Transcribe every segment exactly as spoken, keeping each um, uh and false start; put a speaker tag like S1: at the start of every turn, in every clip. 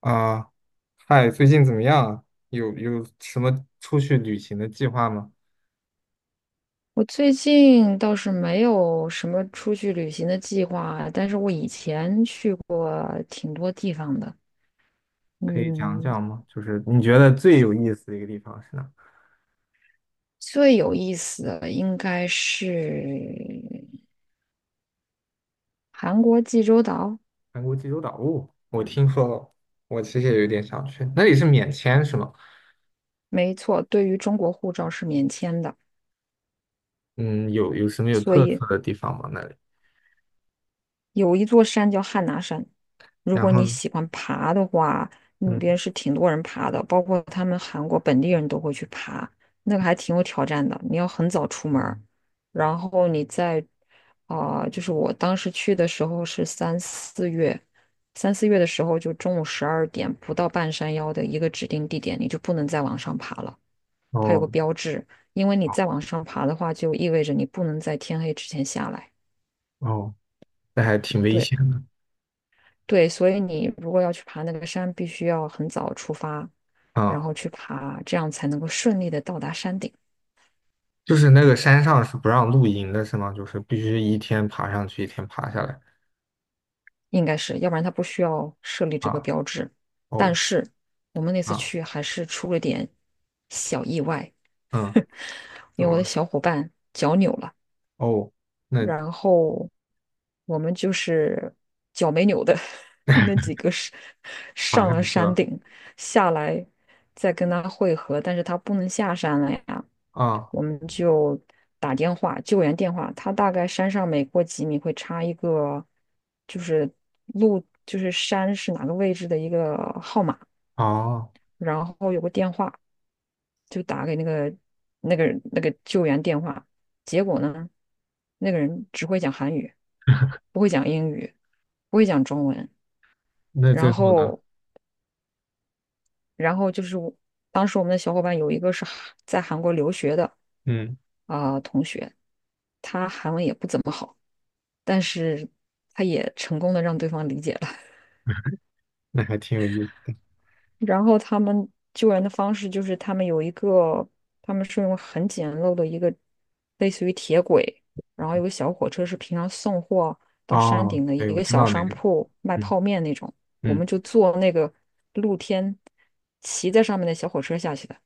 S1: 啊，嗨，最近怎么样啊？有有什么出去旅行的计划吗？
S2: 我最近倒是没有什么出去旅行的计划啊，但是我以前去过挺多地方的。
S1: 可以讲
S2: 嗯，
S1: 讲吗？就是你觉得最有意思的一个地方是哪？
S2: 最有意思的应该是韩国济州岛。
S1: 韩国济州岛，哦，我听说了，我其实也有点想去。那里是免签是吗？
S2: 没错，对于中国护照是免签的。
S1: 嗯，有有什么有
S2: 所
S1: 特
S2: 以
S1: 色的地方吗？那里？
S2: 有一座山叫汉拿山，如
S1: 然
S2: 果
S1: 后
S2: 你
S1: 呢，
S2: 喜欢爬的话，那边
S1: 嗯，
S2: 是挺多人爬的，包括他们韩国本地人都会去爬，那个还挺有挑战的。你要很早出门儿，然后你在啊、就是，我当时去的时候是三四月，三四月的时候就中午十二点不到半山腰的一个指定地点，你就不能再往上爬了，它有个
S1: 哦，
S2: 标志，因为你
S1: 好，
S2: 再往上爬的话，就意味着你不能在天黑之前下来。
S1: 哦，那还挺危
S2: 对。
S1: 险的
S2: 对，所以你如果要去爬那个山，必须要很早出发，然
S1: 啊。
S2: 后去爬，这样才能够顺利的到达山顶。
S1: 就是那个山上是不让露营的，是吗？就是必须一天爬上去，一天爬下来
S2: 应该是，要不然他不需要设立这个
S1: 啊。
S2: 标志。但
S1: 哦，
S2: 是我们那次
S1: 啊，
S2: 去还是出了点小意外，
S1: 嗯。怎
S2: 因为我的
S1: 么？
S2: 小伙伴脚扭了。
S1: 哦，那
S2: 然后我们就是脚没扭的 那几个是
S1: 爬
S2: 上了
S1: 上去
S2: 山
S1: 了
S2: 顶，下来再跟他会合，但是他不能下山了呀。
S1: 啊，
S2: 我们就打电话，救援电话。他大概山上每过几米会插一个，就是路，就是山是哪个位置的一个号码，
S1: 哦，
S2: 然后有个电话，就打给那个那个那个救援电话。结果呢，那个人只会讲韩语，不会讲英语，不会讲中文。
S1: 那
S2: 然
S1: 最后呢？
S2: 后，然后就是我当时我们的小伙伴有一个是韩在韩国留学的
S1: 嗯，
S2: 啊、同学。他韩文也不怎么好，但是他也成功的让对方理解了。
S1: 那还挺有意思。
S2: 然后他们救援的方式就是他们有一个，他们是用很简陋的一个类似于铁轨，然后有个小火车是平常送货到山
S1: 哦，
S2: 顶的
S1: 对，
S2: 一
S1: 我
S2: 个
S1: 知
S2: 小
S1: 道那
S2: 商
S1: 个，
S2: 铺卖
S1: 嗯
S2: 泡面那种，我
S1: 嗯，
S2: 们就坐那个露天骑在上面的小火车下去的。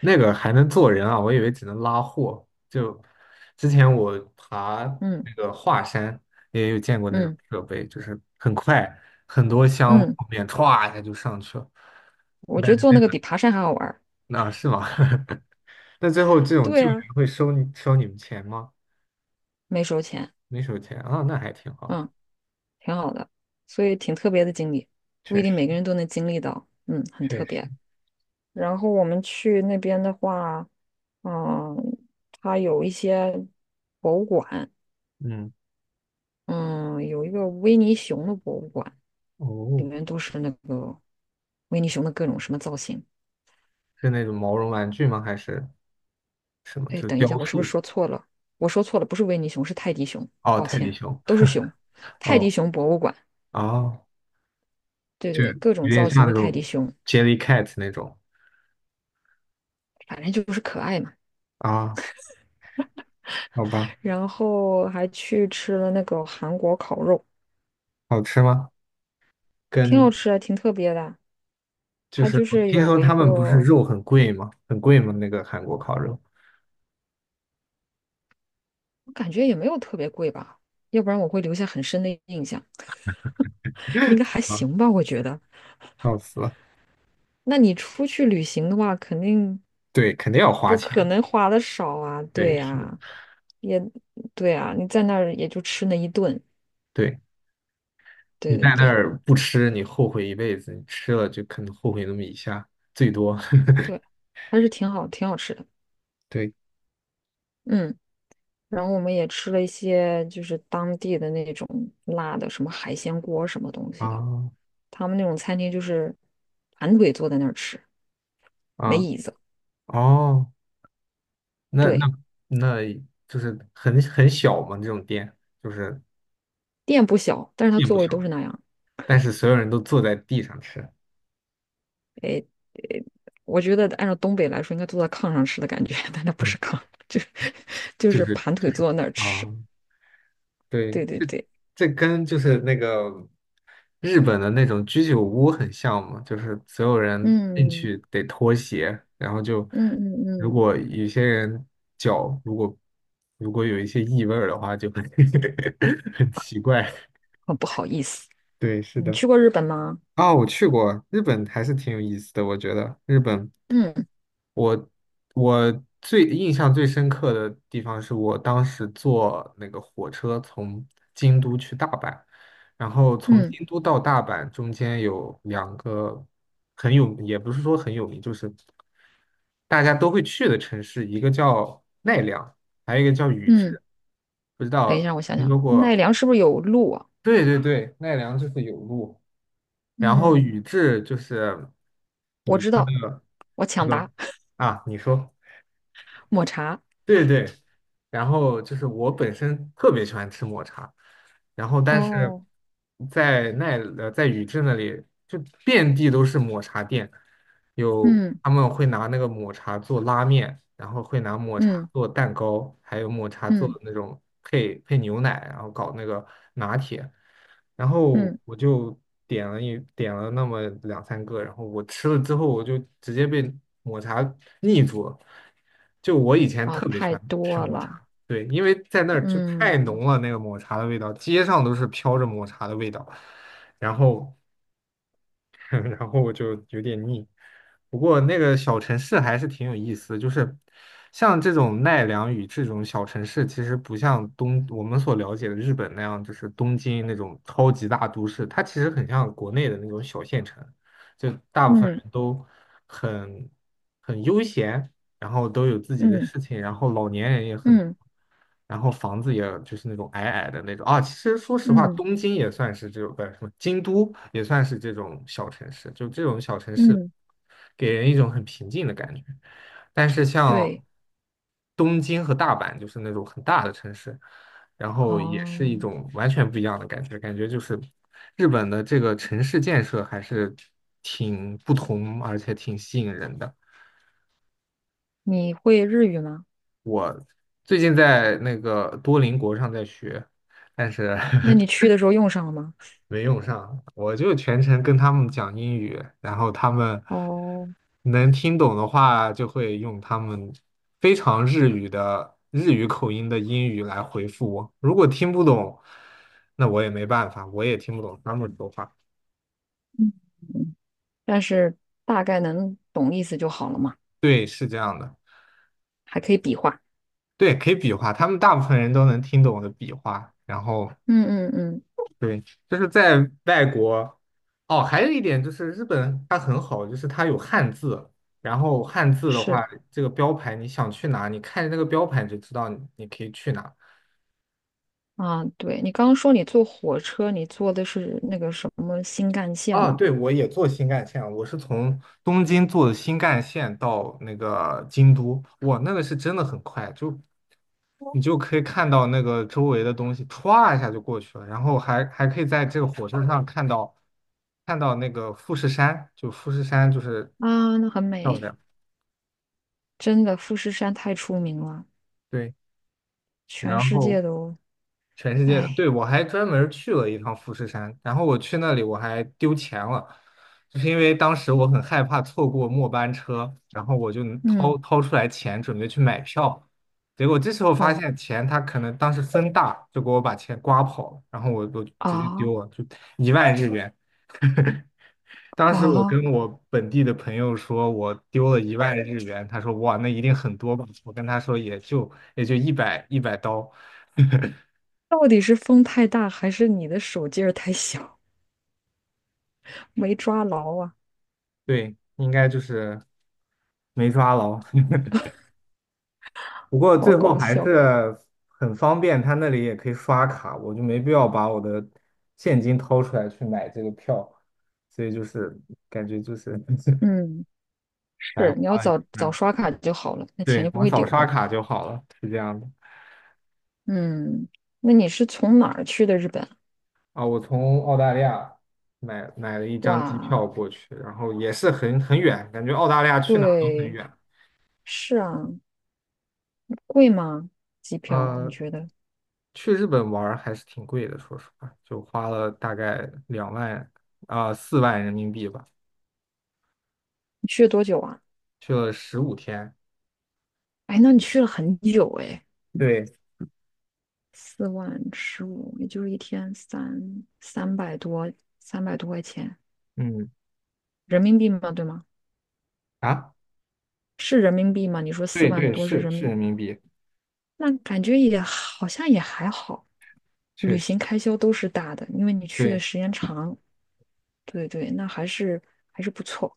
S1: 那个还能坐人啊，我以为只能拉货。就之前我爬
S2: 嗯
S1: 那个华山，也有见过那种
S2: 嗯
S1: 设备，就是很快，很多箱
S2: 嗯，
S1: 泡面歘一下就上去了。
S2: 我
S1: 那
S2: 觉得坐那个比爬山还好玩儿。
S1: 那是吗？那最后这种
S2: 对
S1: 救援
S2: 啊，
S1: 会收你收你们钱吗？
S2: 没收钱。
S1: 没收钱啊，那还挺好，
S2: 嗯。挺好的，所以挺特别的经历，不一
S1: 确
S2: 定每
S1: 实
S2: 个人都能经历到，嗯，很
S1: 确
S2: 特别。
S1: 实，
S2: 然后我们去那边的话，嗯，它有一些博物馆，
S1: 嗯。
S2: 嗯，有一个维尼熊的博物馆，里
S1: 哦，
S2: 面都是那个维尼熊的各种什么造型。
S1: 是那种毛绒玩具吗？还是什么？就
S2: 哎，
S1: 是
S2: 等一下，
S1: 雕
S2: 我是不是
S1: 塑？
S2: 说错了？我说错了，不是维尼熊，是泰迪熊，
S1: 哦，
S2: 抱
S1: 泰迪
S2: 歉，
S1: 熊。
S2: 都是熊。泰迪
S1: 哦，
S2: 熊博物馆，
S1: 哦，
S2: 对对
S1: 就
S2: 对，各种
S1: 有点
S2: 造型
S1: 像那
S2: 的泰迪
S1: 种
S2: 熊，
S1: Jellycat 那种
S2: 反正就是可爱嘛。
S1: 啊？好吧，
S2: 然后还去吃了那个韩国烤肉，
S1: 好吃吗？
S2: 挺好
S1: 跟
S2: 吃的，挺特别的。
S1: 就
S2: 它
S1: 是
S2: 就
S1: 我
S2: 是
S1: 听
S2: 有
S1: 说
S2: 一
S1: 他
S2: 个，
S1: 们不是
S2: 我
S1: 肉很贵吗？很贵吗？那个韩国烤肉？
S2: 感觉也没有特别贵吧，要不然我会留下很深的印象。应 该
S1: 好
S2: 还
S1: 吧，
S2: 行吧，我觉得。
S1: 笑死了。
S2: 那你出去旅行的话，肯定
S1: 对，肯定要花
S2: 不可
S1: 钱。
S2: 能花的少啊，对
S1: 对，是的，
S2: 呀，对呀，你在那儿也就吃那一顿，
S1: 对你
S2: 对对
S1: 在那
S2: 对
S1: 儿不吃，你后悔一辈子；你吃了，就可能后悔那么一下，最多。
S2: 对，还是挺好，挺好吃的，
S1: 对
S2: 嗯。然后我们也吃了一些就是当地的那种辣的，什么海鲜锅什么东西的。
S1: 啊
S2: 他们那种餐厅就是盘腿坐在那儿吃，没
S1: 啊
S2: 椅子。
S1: 哦。那那
S2: 对，
S1: 那就是很很小嘛，这种店就是
S2: 店不小，但是它
S1: 并
S2: 座
S1: 不
S2: 位都
S1: 小，
S2: 是那样。
S1: 但是所有人都坐在地上吃，
S2: 我觉得按照东北来说，应该坐在炕上吃的感觉，但那不
S1: 嗯，
S2: 是炕，就是就
S1: 就
S2: 是
S1: 是
S2: 盘
S1: 就
S2: 腿
S1: 是
S2: 坐在那儿吃。
S1: 啊，对，
S2: 对对
S1: 这
S2: 对，
S1: 这跟就是那个日本的那种居酒屋很像嘛，就是所有人进
S2: 嗯
S1: 去得脱鞋，然后就
S2: 嗯嗯
S1: 如
S2: 嗯，
S1: 果有些人脚如果如果有一些异味儿的话，就很 很奇怪，
S2: 很不好意思。
S1: 对，是
S2: 你
S1: 的。
S2: 去过日本吗？
S1: 啊，我去过日本，还是挺有意思的。我觉得日本，
S2: 嗯
S1: 我我最印象最深刻的地方是我当时坐那个火车从京都去大阪，然后从
S2: 嗯
S1: 京都到大阪中间有两个很有，也不是说很有名，就是大家都会去的城市，一个叫奈良，还有一个叫宇
S2: 嗯，
S1: 治。不知
S2: 等一
S1: 道
S2: 下，我想
S1: 听
S2: 想，
S1: 说
S2: 奈
S1: 过？
S2: 良是不是有鹿啊？
S1: 对对对，奈良就是有路。然后
S2: 嗯，
S1: 宇智就是
S2: 我
S1: 以
S2: 知
S1: 他的
S2: 道，我
S1: 这
S2: 抢
S1: 个
S2: 答
S1: 啊，你说
S2: 抹茶。
S1: 对对，然后就是我本身特别喜欢吃抹茶，然后但是
S2: 哦，
S1: 在奈呃在宇智那里就遍地都是抹茶店，有
S2: 嗯
S1: 他们会拿那个抹茶做拉面，然后会拿抹茶
S2: 嗯
S1: 做蛋糕，还有抹茶做
S2: 嗯
S1: 那种配配牛奶，然后搞那个拿铁。然后
S2: 嗯。
S1: 我就点了一点了那么两三个，然后我吃了之后，我就直接被抹茶腻住了。就我以前
S2: 啊，
S1: 特别喜
S2: 太
S1: 欢吃
S2: 多
S1: 抹茶，
S2: 了，
S1: 对，因为在那儿就太
S2: 嗯
S1: 浓了，那个抹茶的味道，街上都是飘着抹茶的味道。然后 然后我就有点腻。不过那个小城市还是挺有意思的，就是像这种奈良与这种小城市，其实不像东我们所了解的日本那样，就是东京那种超级大都市，它其实很像国内的那种小县城，就大部分
S2: 嗯
S1: 人都很很悠闲，然后都有自己的
S2: 嗯
S1: 事情，然后老年人也很，
S2: 嗯
S1: 然后房子也就是那种矮矮的那种啊。其实说实话，
S2: 嗯
S1: 东京也算是这种，不是什么京都也算是这种小城市，就这种小城市
S2: 嗯，
S1: 给人一种很平静的感觉。但是像
S2: 对，
S1: 东京和大阪，就是那种很大的城市，然后也是
S2: 哦，
S1: 一种完全不一样的感觉，感觉就是日本的这个城市建设还是挺不同，而且挺吸引人的。
S2: 你会日语吗？
S1: 最近在那个多邻国上在学，但是
S2: 那你 去的时候用上了吗？
S1: 没用上。我就全程跟他们讲英语，然后他们
S2: 哦，
S1: 能听懂的话，就会用他们非常日语的日语口音的英语来回复我。如果听不懂，那我也没办法，我也听不懂他们说话。
S2: 嗯，嗯，但是大概能懂意思就好了嘛，
S1: 对，是这样的。
S2: 还可以比划。
S1: 对，可以比划，他们大部分人都能听懂我的比划，然后
S2: 嗯嗯嗯，
S1: 对，就是在外国，哦，还有一点就是日本它很好，就是它有汉字，然后汉字的
S2: 是
S1: 话，这个标牌你想去哪，你看着那个标牌你就知道你你可以去哪。
S2: 啊，对，你刚刚说你坐火车，你坐的是那个什么新干线
S1: 哦，
S2: 嘛？
S1: 对，我也坐新干线了我是从东京坐的新干线到那个京都，哇，那个是真的很快，就你就可以看到那个周围的东西歘一下就过去了，然后还还可以在这个火车上看到看到那个富士山，就富士山就是
S2: 啊，那很
S1: 漂
S2: 美，
S1: 亮，
S2: 真的，富士山太出名了，
S1: 对，然
S2: 全世
S1: 后
S2: 界都，
S1: 全世界的，
S2: 哎，
S1: 对，我还专门儿去了一趟富士山，然后我去那里我还丢钱了，就是因为当时我很害怕错过末班车，然后我就掏
S2: 嗯。
S1: 掏出来钱准备去买票，结果这时候发
S2: 哦。
S1: 现钱他可能当时风大，就给我把钱刮跑了，然后我我就直接
S2: 啊，
S1: 丢了，就一万日元。当时我
S2: 啊！
S1: 跟我本地的朋友说，我丢了一万日元，他说哇，那一定很多吧？我跟他说也就也就一百一百刀。
S2: 到底是风太大，还是你的手劲儿太小，没抓牢啊？
S1: 对，应该就是没抓牢。不过
S2: 好
S1: 最后
S2: 搞
S1: 还
S2: 笑。
S1: 是很方便，他那里也可以刷卡，我就没必要把我的现金掏出来去买这个票，所以就是感觉就是
S2: 嗯，
S1: 白
S2: 是，你要
S1: 花了一
S2: 早早
S1: 半。
S2: 刷卡就好了，那钱
S1: 对，
S2: 就不
S1: 我
S2: 会
S1: 早
S2: 丢
S1: 刷
S2: 了。
S1: 卡就好了，是这样的。
S2: 嗯，那你是从哪儿去的日本？
S1: 啊，我从澳大利亚买买了一张机
S2: 哇，
S1: 票过去，然后也是很很远，感觉澳大利亚去哪都很
S2: 对，
S1: 远。
S2: 是啊，贵吗？机票？你
S1: 嗯。
S2: 觉得？
S1: 去日本玩儿还是挺贵的，说实话，就花了大概两万啊四万人民币吧，
S2: 你去了多久啊？
S1: 去了十五天。
S2: 哎，那你去了很久哎，
S1: 对，
S2: 四万十五，也就是一天三三百多，三百多块钱
S1: 嗯，
S2: 人民币吗？对吗？
S1: 啊，
S2: 是人民币吗？你说四
S1: 对
S2: 万
S1: 对，
S2: 多是
S1: 是
S2: 人
S1: 是
S2: 民，
S1: 人民币，
S2: 那感觉也好像也还好，
S1: 确
S2: 旅
S1: 实，
S2: 行开销都是大的，因为你去的
S1: 对，
S2: 时间长。对对，那还是还是不错。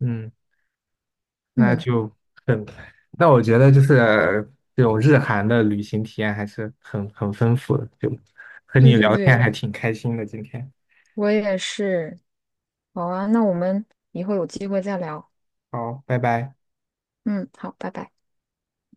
S1: 嗯，那
S2: 嗯，
S1: 就很，那我觉得就是这种日韩的旅行体验还是很很丰富的，就和
S2: 对
S1: 你
S2: 对
S1: 聊天
S2: 对，
S1: 还挺开心的，今天，
S2: 我也是。好啊，那我们以后有机会再聊。
S1: 好，拜拜。
S2: 嗯，好，拜拜。